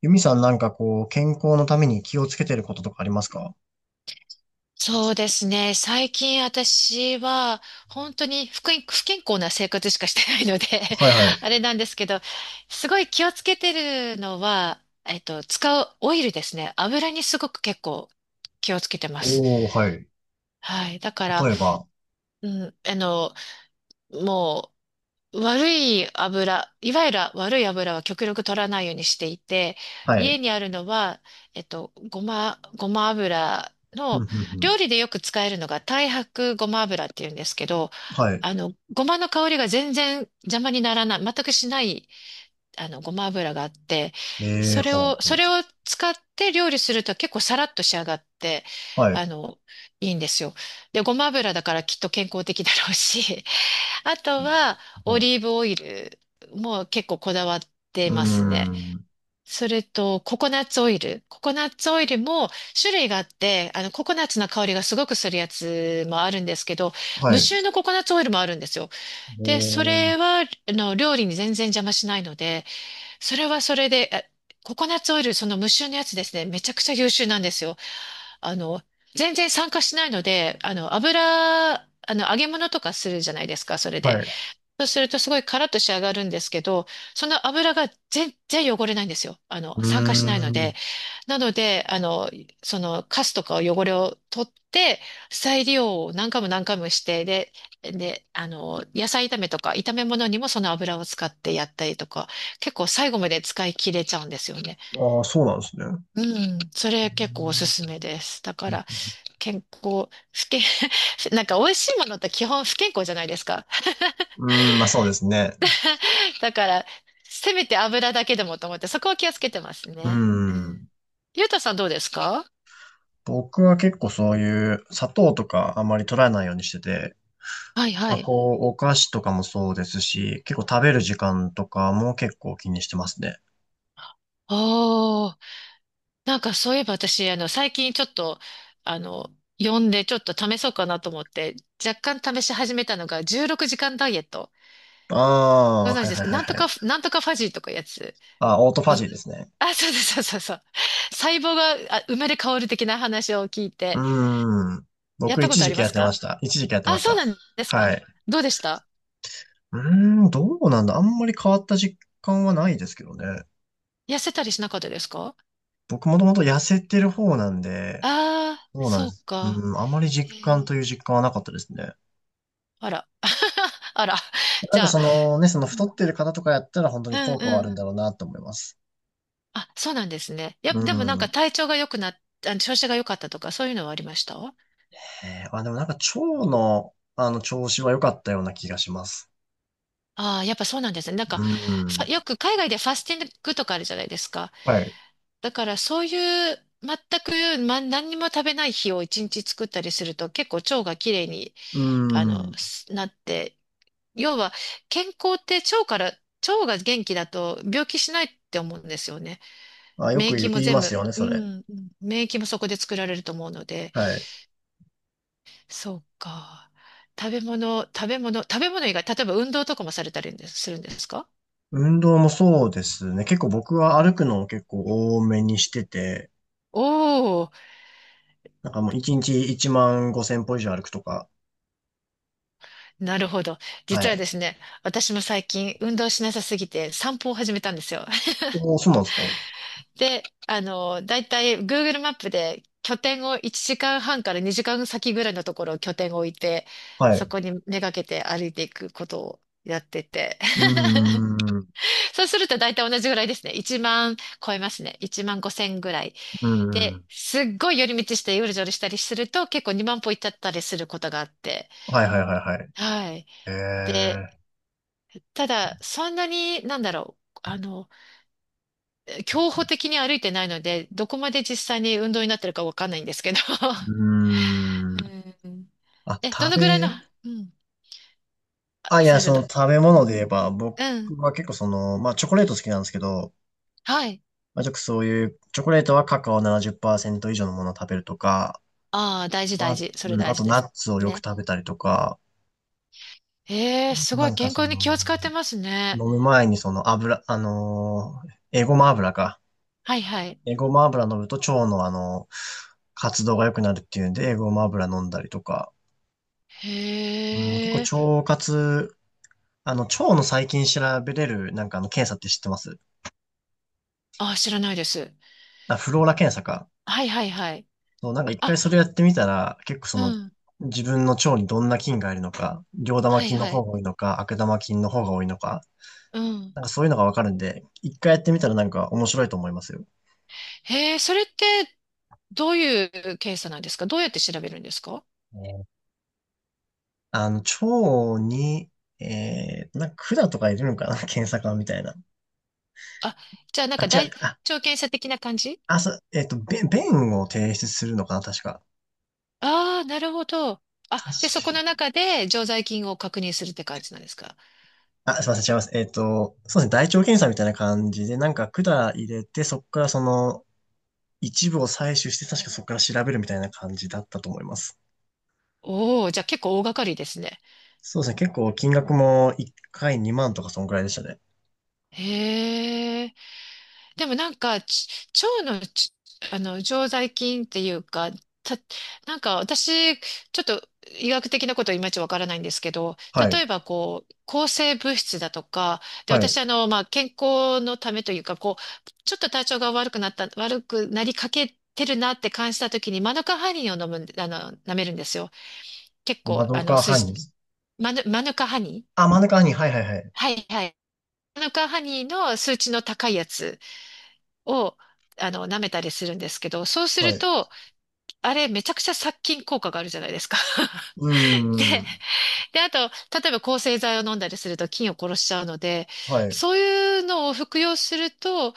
ユミさん、なんかこう、健康のために気をつけてることとかありますか？そうですね。最近私は本当に不健康な生活しかしてないので はいはい。あれなんですけど、すごい気をつけてるのは、使うオイルですね。油にすごく結構気をつけてます。おー、はい。はい。だから、例えば。うん、もう悪い油、いわゆる悪い油は極力取らないようにしていて、は家い。にあるのは、ごま油ふの、んふんふん。料理でよく使えるのが太白ごま油っていうんですけど、はい。ごまの香りが全然邪魔にならない、全くしない、ごま油があって、えー、それほうを、ほそう。れを使って料理すると結構サラッと仕上がって、はい。あの、いいんですよ。で、ごま油だからきっと健康的だろうし、あとは、オほう。リーブオイルも結構こだわってうーますね。ん。それと、ココナッツオイル。ココナッツオイルも種類があって、ココナッツの香りがすごくするやつもあるんですけど、は無い。臭のココナッツオイルもあるんですよ。おで、それー、は、料理に全然邪魔しないので、それはそれで、ココナッツオイル、その無臭のやつですね、めちゃくちゃ優秀なんですよ。あの、全然酸化しないので、揚げ物とかするじゃないですか、それはで。い。そうするとすごいカラッと仕上がるんですけど、その油が全然汚れないんですよ。うー酸化しないので。ん。なので、そのカスとか汚れを取って、再利用を何回も何回もして、で、野菜炒めとか炒め物にもその油を使ってやったりとか、結構最後まで使い切れちゃうんですよね。ああ、そうなんですね。ううん、それ結構おすすめです。だかーん、ら、健康、不健、なんか美味しいものって基本不健康じゃないですか。うーん、まあそうですね。だから、せめて油だけでもと思って、そこは気をつけてますうーね。うん。ん。ゆうたさんどうですか？僕は結構そういう砂糖とかあんまり取らないようにしてて、はいはまあ、い。こう、お菓子とかもそうですし、結構食べる時間とかも結構気にしてますね。おー、なんかそういえば私、最近ちょっと、あの、読んでちょっと試そうかなと思って、若干試し始めたのが16時間ダイエット。あごあ、存は知いではすいか？はいなんとはか、い。なんとかファジーとかいうやつ。あ、オートフごァジーですね。あ、そうです。そうそうそう。細胞が生まれ変わる的な話を聞いうて、ーん。やっ僕、たこ一とあ時り期まやっすてまか？した。一時期やってまあ、しそうた。なんですはか？い。どうでした？うーん、どうなんだ。あんまり変わった実感はないですけどね。痩せたりしなかったですか？僕、もともと痩せてる方なんで、ああ、そうなんそでうす。か。うん、あまりえ実感ーという実感はなかったですね。あら。あら。なじんかゃあ、そのう太ん、ってる方とかやったら本当うにん効果はあうるん。んだろうなと思います。あ、そうなんですね。やっうぱ、でもなんかん。体調が良くなっ、調子が良かったとか、そういうのはありました？あ、でもなんか腸の、調子は良かったような気がします。ああー、やっぱそうなんですね。なんか、うよん。く海外でファスティングとかあるじゃないですか。はい。だからそういう、全く、何にも食べない日を一日作ったりすると、結構腸がきれいに、うん。すなって、要は、健康って腸から、腸が元気だと病気しないって思うんですよね。あ、よ免く言疫もいま全す部、よね、うそれ。ん、免疫もそこで作られると思うので、はい。そうか。食べ物以外、例えば運動とかもされたりするんですか？運動もそうですね。結構僕は歩くのを結構多めにしてて、おおー、なんかもう1日1万5千歩以上歩くとか。なるほど。は実はい。ですね、私も最近運動しなさすぎて散歩を始めたんですよ。おー、そうなんですか？で、だいたい Google マップで拠点を1時間半から2時間先ぐらいのところを拠点を置いて、はそい。こにめがけて歩いていくことをやってて。う ーん。うそうすると大体同じぐらいですね。1万超えますね。1万5千ぐらい。ーで、ん。すっごい寄り道してうるじょるしたりすると結構2万歩行っちゃったりすることがあって。はいはいはいはい。はい。えで、ただ、そんなに、なんだろう。競歩的に歩いてないので、どこまで実際に運動になってるかわかんないんですけど。ー。うーん。うん。あ、え、ど食のぐらいの、べ、うん。あ、あ、いすや、みません。その食べう物ん。で言えば、僕うん。は結構まあチョコレート好きなんですけど、はい。まあちょっとそういう、チョコレートはカカオ70%以上のものを食べるとか、ああ、大事ま大あ、事。それうん、大あと事でナす。ッツをよくね。食べたりとか、ええすごないんか健康に気を使ってます飲ね。む前にその油、エゴマ油か。はいはい。エゴマ油飲むと腸の活動が良くなるっていうんで、エゴマ油飲んだりとか、へうん、結え。構腸活、腸の細菌調べれる、なんか検査って知ってます？あ、知らないです。あ、フローラ検査か。はいはいはい。そう、なんか一あ、回それやってみたら、結構うん。自分の腸にどんな菌がいるのか、両玉はい菌のは方い。が多いのか、悪玉菌の方が多いのか、うん。なんかそういうのがわかるんで、一回やってみたらなんか面白いと思いますよ。へえ、それってどういう検査なんですか？どうやって調べるんですか？ね、腸に、なんか管とかいるのかな 検査官みたいな。あ、じゃあなんあ、か違大う。あ、腸検査的な感じ？あ、そう、便を提出するのかな、確か。ああー、なるほど。あ、確で、そこのか、中で常在菌を確認するって感じなんですか？あ、すいません、違います。そうですね、大腸検査みたいな感じで、なんか管入れて、そこからその、一部を採取して、確かそこから調べるみたいな感じだったと思います。おおー、じゃあ結構大掛かりですね。そうですね。結構金額も1回2万とかそんくらいでしたね。へえ。でもなんか、腸の常在菌っていうか、た、なんか私、ちょっと医学的なこといまいちわからないんですけど、はい。例えばこう、抗生物質だとか、で、はい。私まあ、健康のためというか、こう、ちょっと体調が悪くなった、悪くなりかけてるなって感じた時に、マヌカハニーを飲むん、舐めるんですよ。結マ構、ドカーハニー。マヌカハニー。あ、マドカーハニー。はいはいはい。はいはい。マヌカハニーの数値の高いやつを、舐めたりするんですけど、そうすはるい。と、あれめちゃくちゃ殺菌効果があるじゃないですか。うー で、ん。あと、例えば抗生剤を飲んだりすると菌を殺しちゃうので、はい。そういうのを服用すると、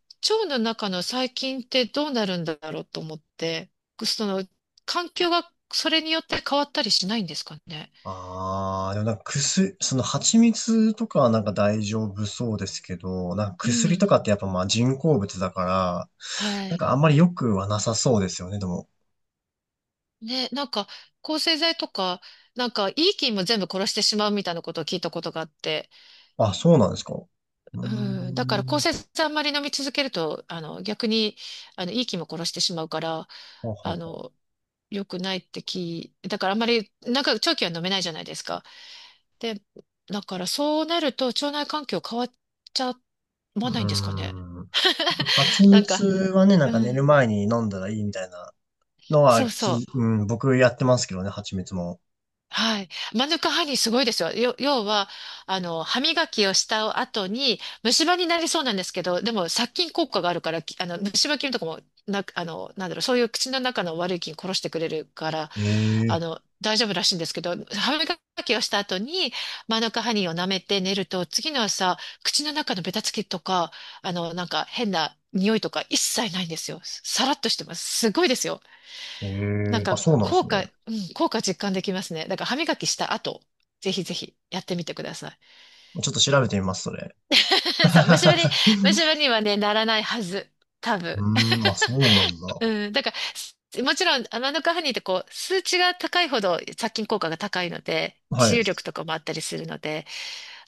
腸の中の細菌ってどうなるんだろうと思って、その、環境がそれによって変わったりしないんですかね。ああ、でもなんか薬、その蜂蜜とかはなんか大丈夫そうですけど、なんかう薬とかっん。てやっぱまあ人工物だから、はなんい。かあんまり良くはなさそうですよね、でも。ね、なんか、抗生剤とか、なんか、いい菌も全部殺してしまうみたいなことを聞いたことがあって、あ、そうなんですか。うーうん、だから抗ん。生剤あんまり飲み続けると、逆に、いい気も殺してしまうから、ほうほうあほう。の、良くないって。だからあんまり、なんか長期は飲めないじゃないですか。で、だからそうなると腸内環境変わっちゃわうないんですかね。ーん。な蜂 なん蜜か、はね、なんうか寝るん、前に飲んだらいいみたいなのそはうそう。うん、僕やってますけどね、蜂蜜も。はい。マヌカハニーすごいですよ。要は、歯磨きをした後に、虫歯になりそうなんですけど、でも殺菌効果があるから、きあの、虫歯菌とかも、な、あの、なんだろう、そういう口の中の悪い菌殺してくれるから、ええ大丈夫らしいんですけど、歯磨きをした後に、マヌカハニーを舐めて寝ると、次の朝、口の中のベタつきとか、なんか変な匂いとか一切ないんですよ。さらっとしてます。すごいですよ。えなんえ、あ、か、そうなんですね。うん、効果実感できますね。だから歯磨きした後、ぜひぜひやってみてください。ちょっと調べてみます、それ。そう、虫歯に、虫歯にはね、ならないはず。多うー分。ん、まあそうなん だ。うん、だから、もちろん、アマノカハニーってこう、数値が高いほど殺菌効果が高いので、は治い。癒力とかもあったりするので、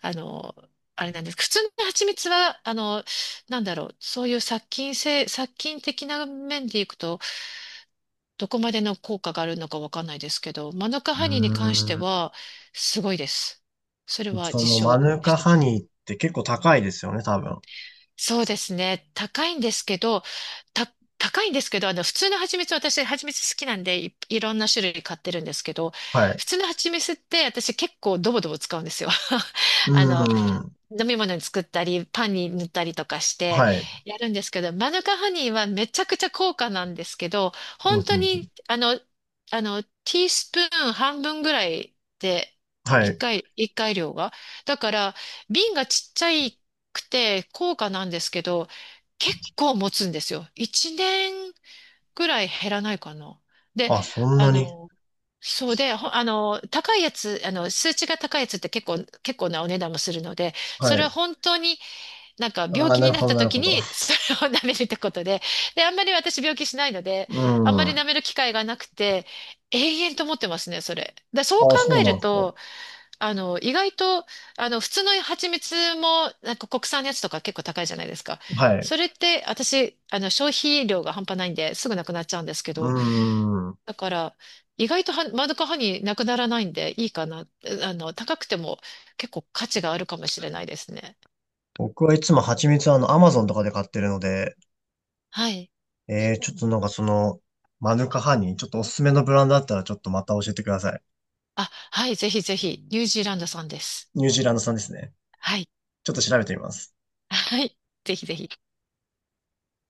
あの、あれなんです。普通の蜂蜜は、なんだろう、そういう殺菌性、殺菌的な面でいくと、どこまでの効果があるのかわかんないですけど、マヌカうーハニーに関してん、は、すごいです。それはその実マ証ヌしカてまハす。ニーって結構高いですよね、多分。そうですね。た、高いんですけど、普通の蜂蜜、私、蜂蜜好きなんでいろんな種類買ってるんですけど、はい。普通の蜂蜜って私結構ドボドボ使うんですよ。うーあの、ん、飲み物に作ったり、パンに塗ったりとかしてはい。やるんですけど、マヌカハニーはめちゃくちゃ高価なんですけど、うんう本当んうん、に、ティースプーン半分ぐらいで、はい。一回量が。だから、瓶がちっちゃいくて高価なんですけど、結構持つんですよ。一年くらい減らないかな。で、あ、そんあなに。の、そうで、ほあの、高いやつ、数値が高いやつって結構なお値段もするので、はそれい。は本当になんか病ああ、気なにるなっほど、たなる時ほど。に それを 舐めるってことで、で、あんまり私病気しないので、うあんまん。り舐あめる機会がなくて、永遠と思ってますね、それ。そう考あ、そうえなるんですと、意外と、普通の蜂蜜も、なんか国産のやつとか結構高いじゃないですか。か？はい。それって、私、消費量が半端ないんで、すぐなくなっちゃうんですけうど、ーん。だから、意外とは、マヌカハニーなくならないんで、いいかな。えあの、高くても結構価値があるかもしれないですね。僕はいつも蜂蜜はアマゾンとかで買ってるので、はい。ちょっとなんかその、マヌカハニー、ちょっとおすすめのブランドあったらちょっとまた教えてください。あ、はい、ぜひぜひ、ニュージーランドさんです。ニュージーランド産ですね。はい。ちょっと調べてみます。はい。ぜひぜひ。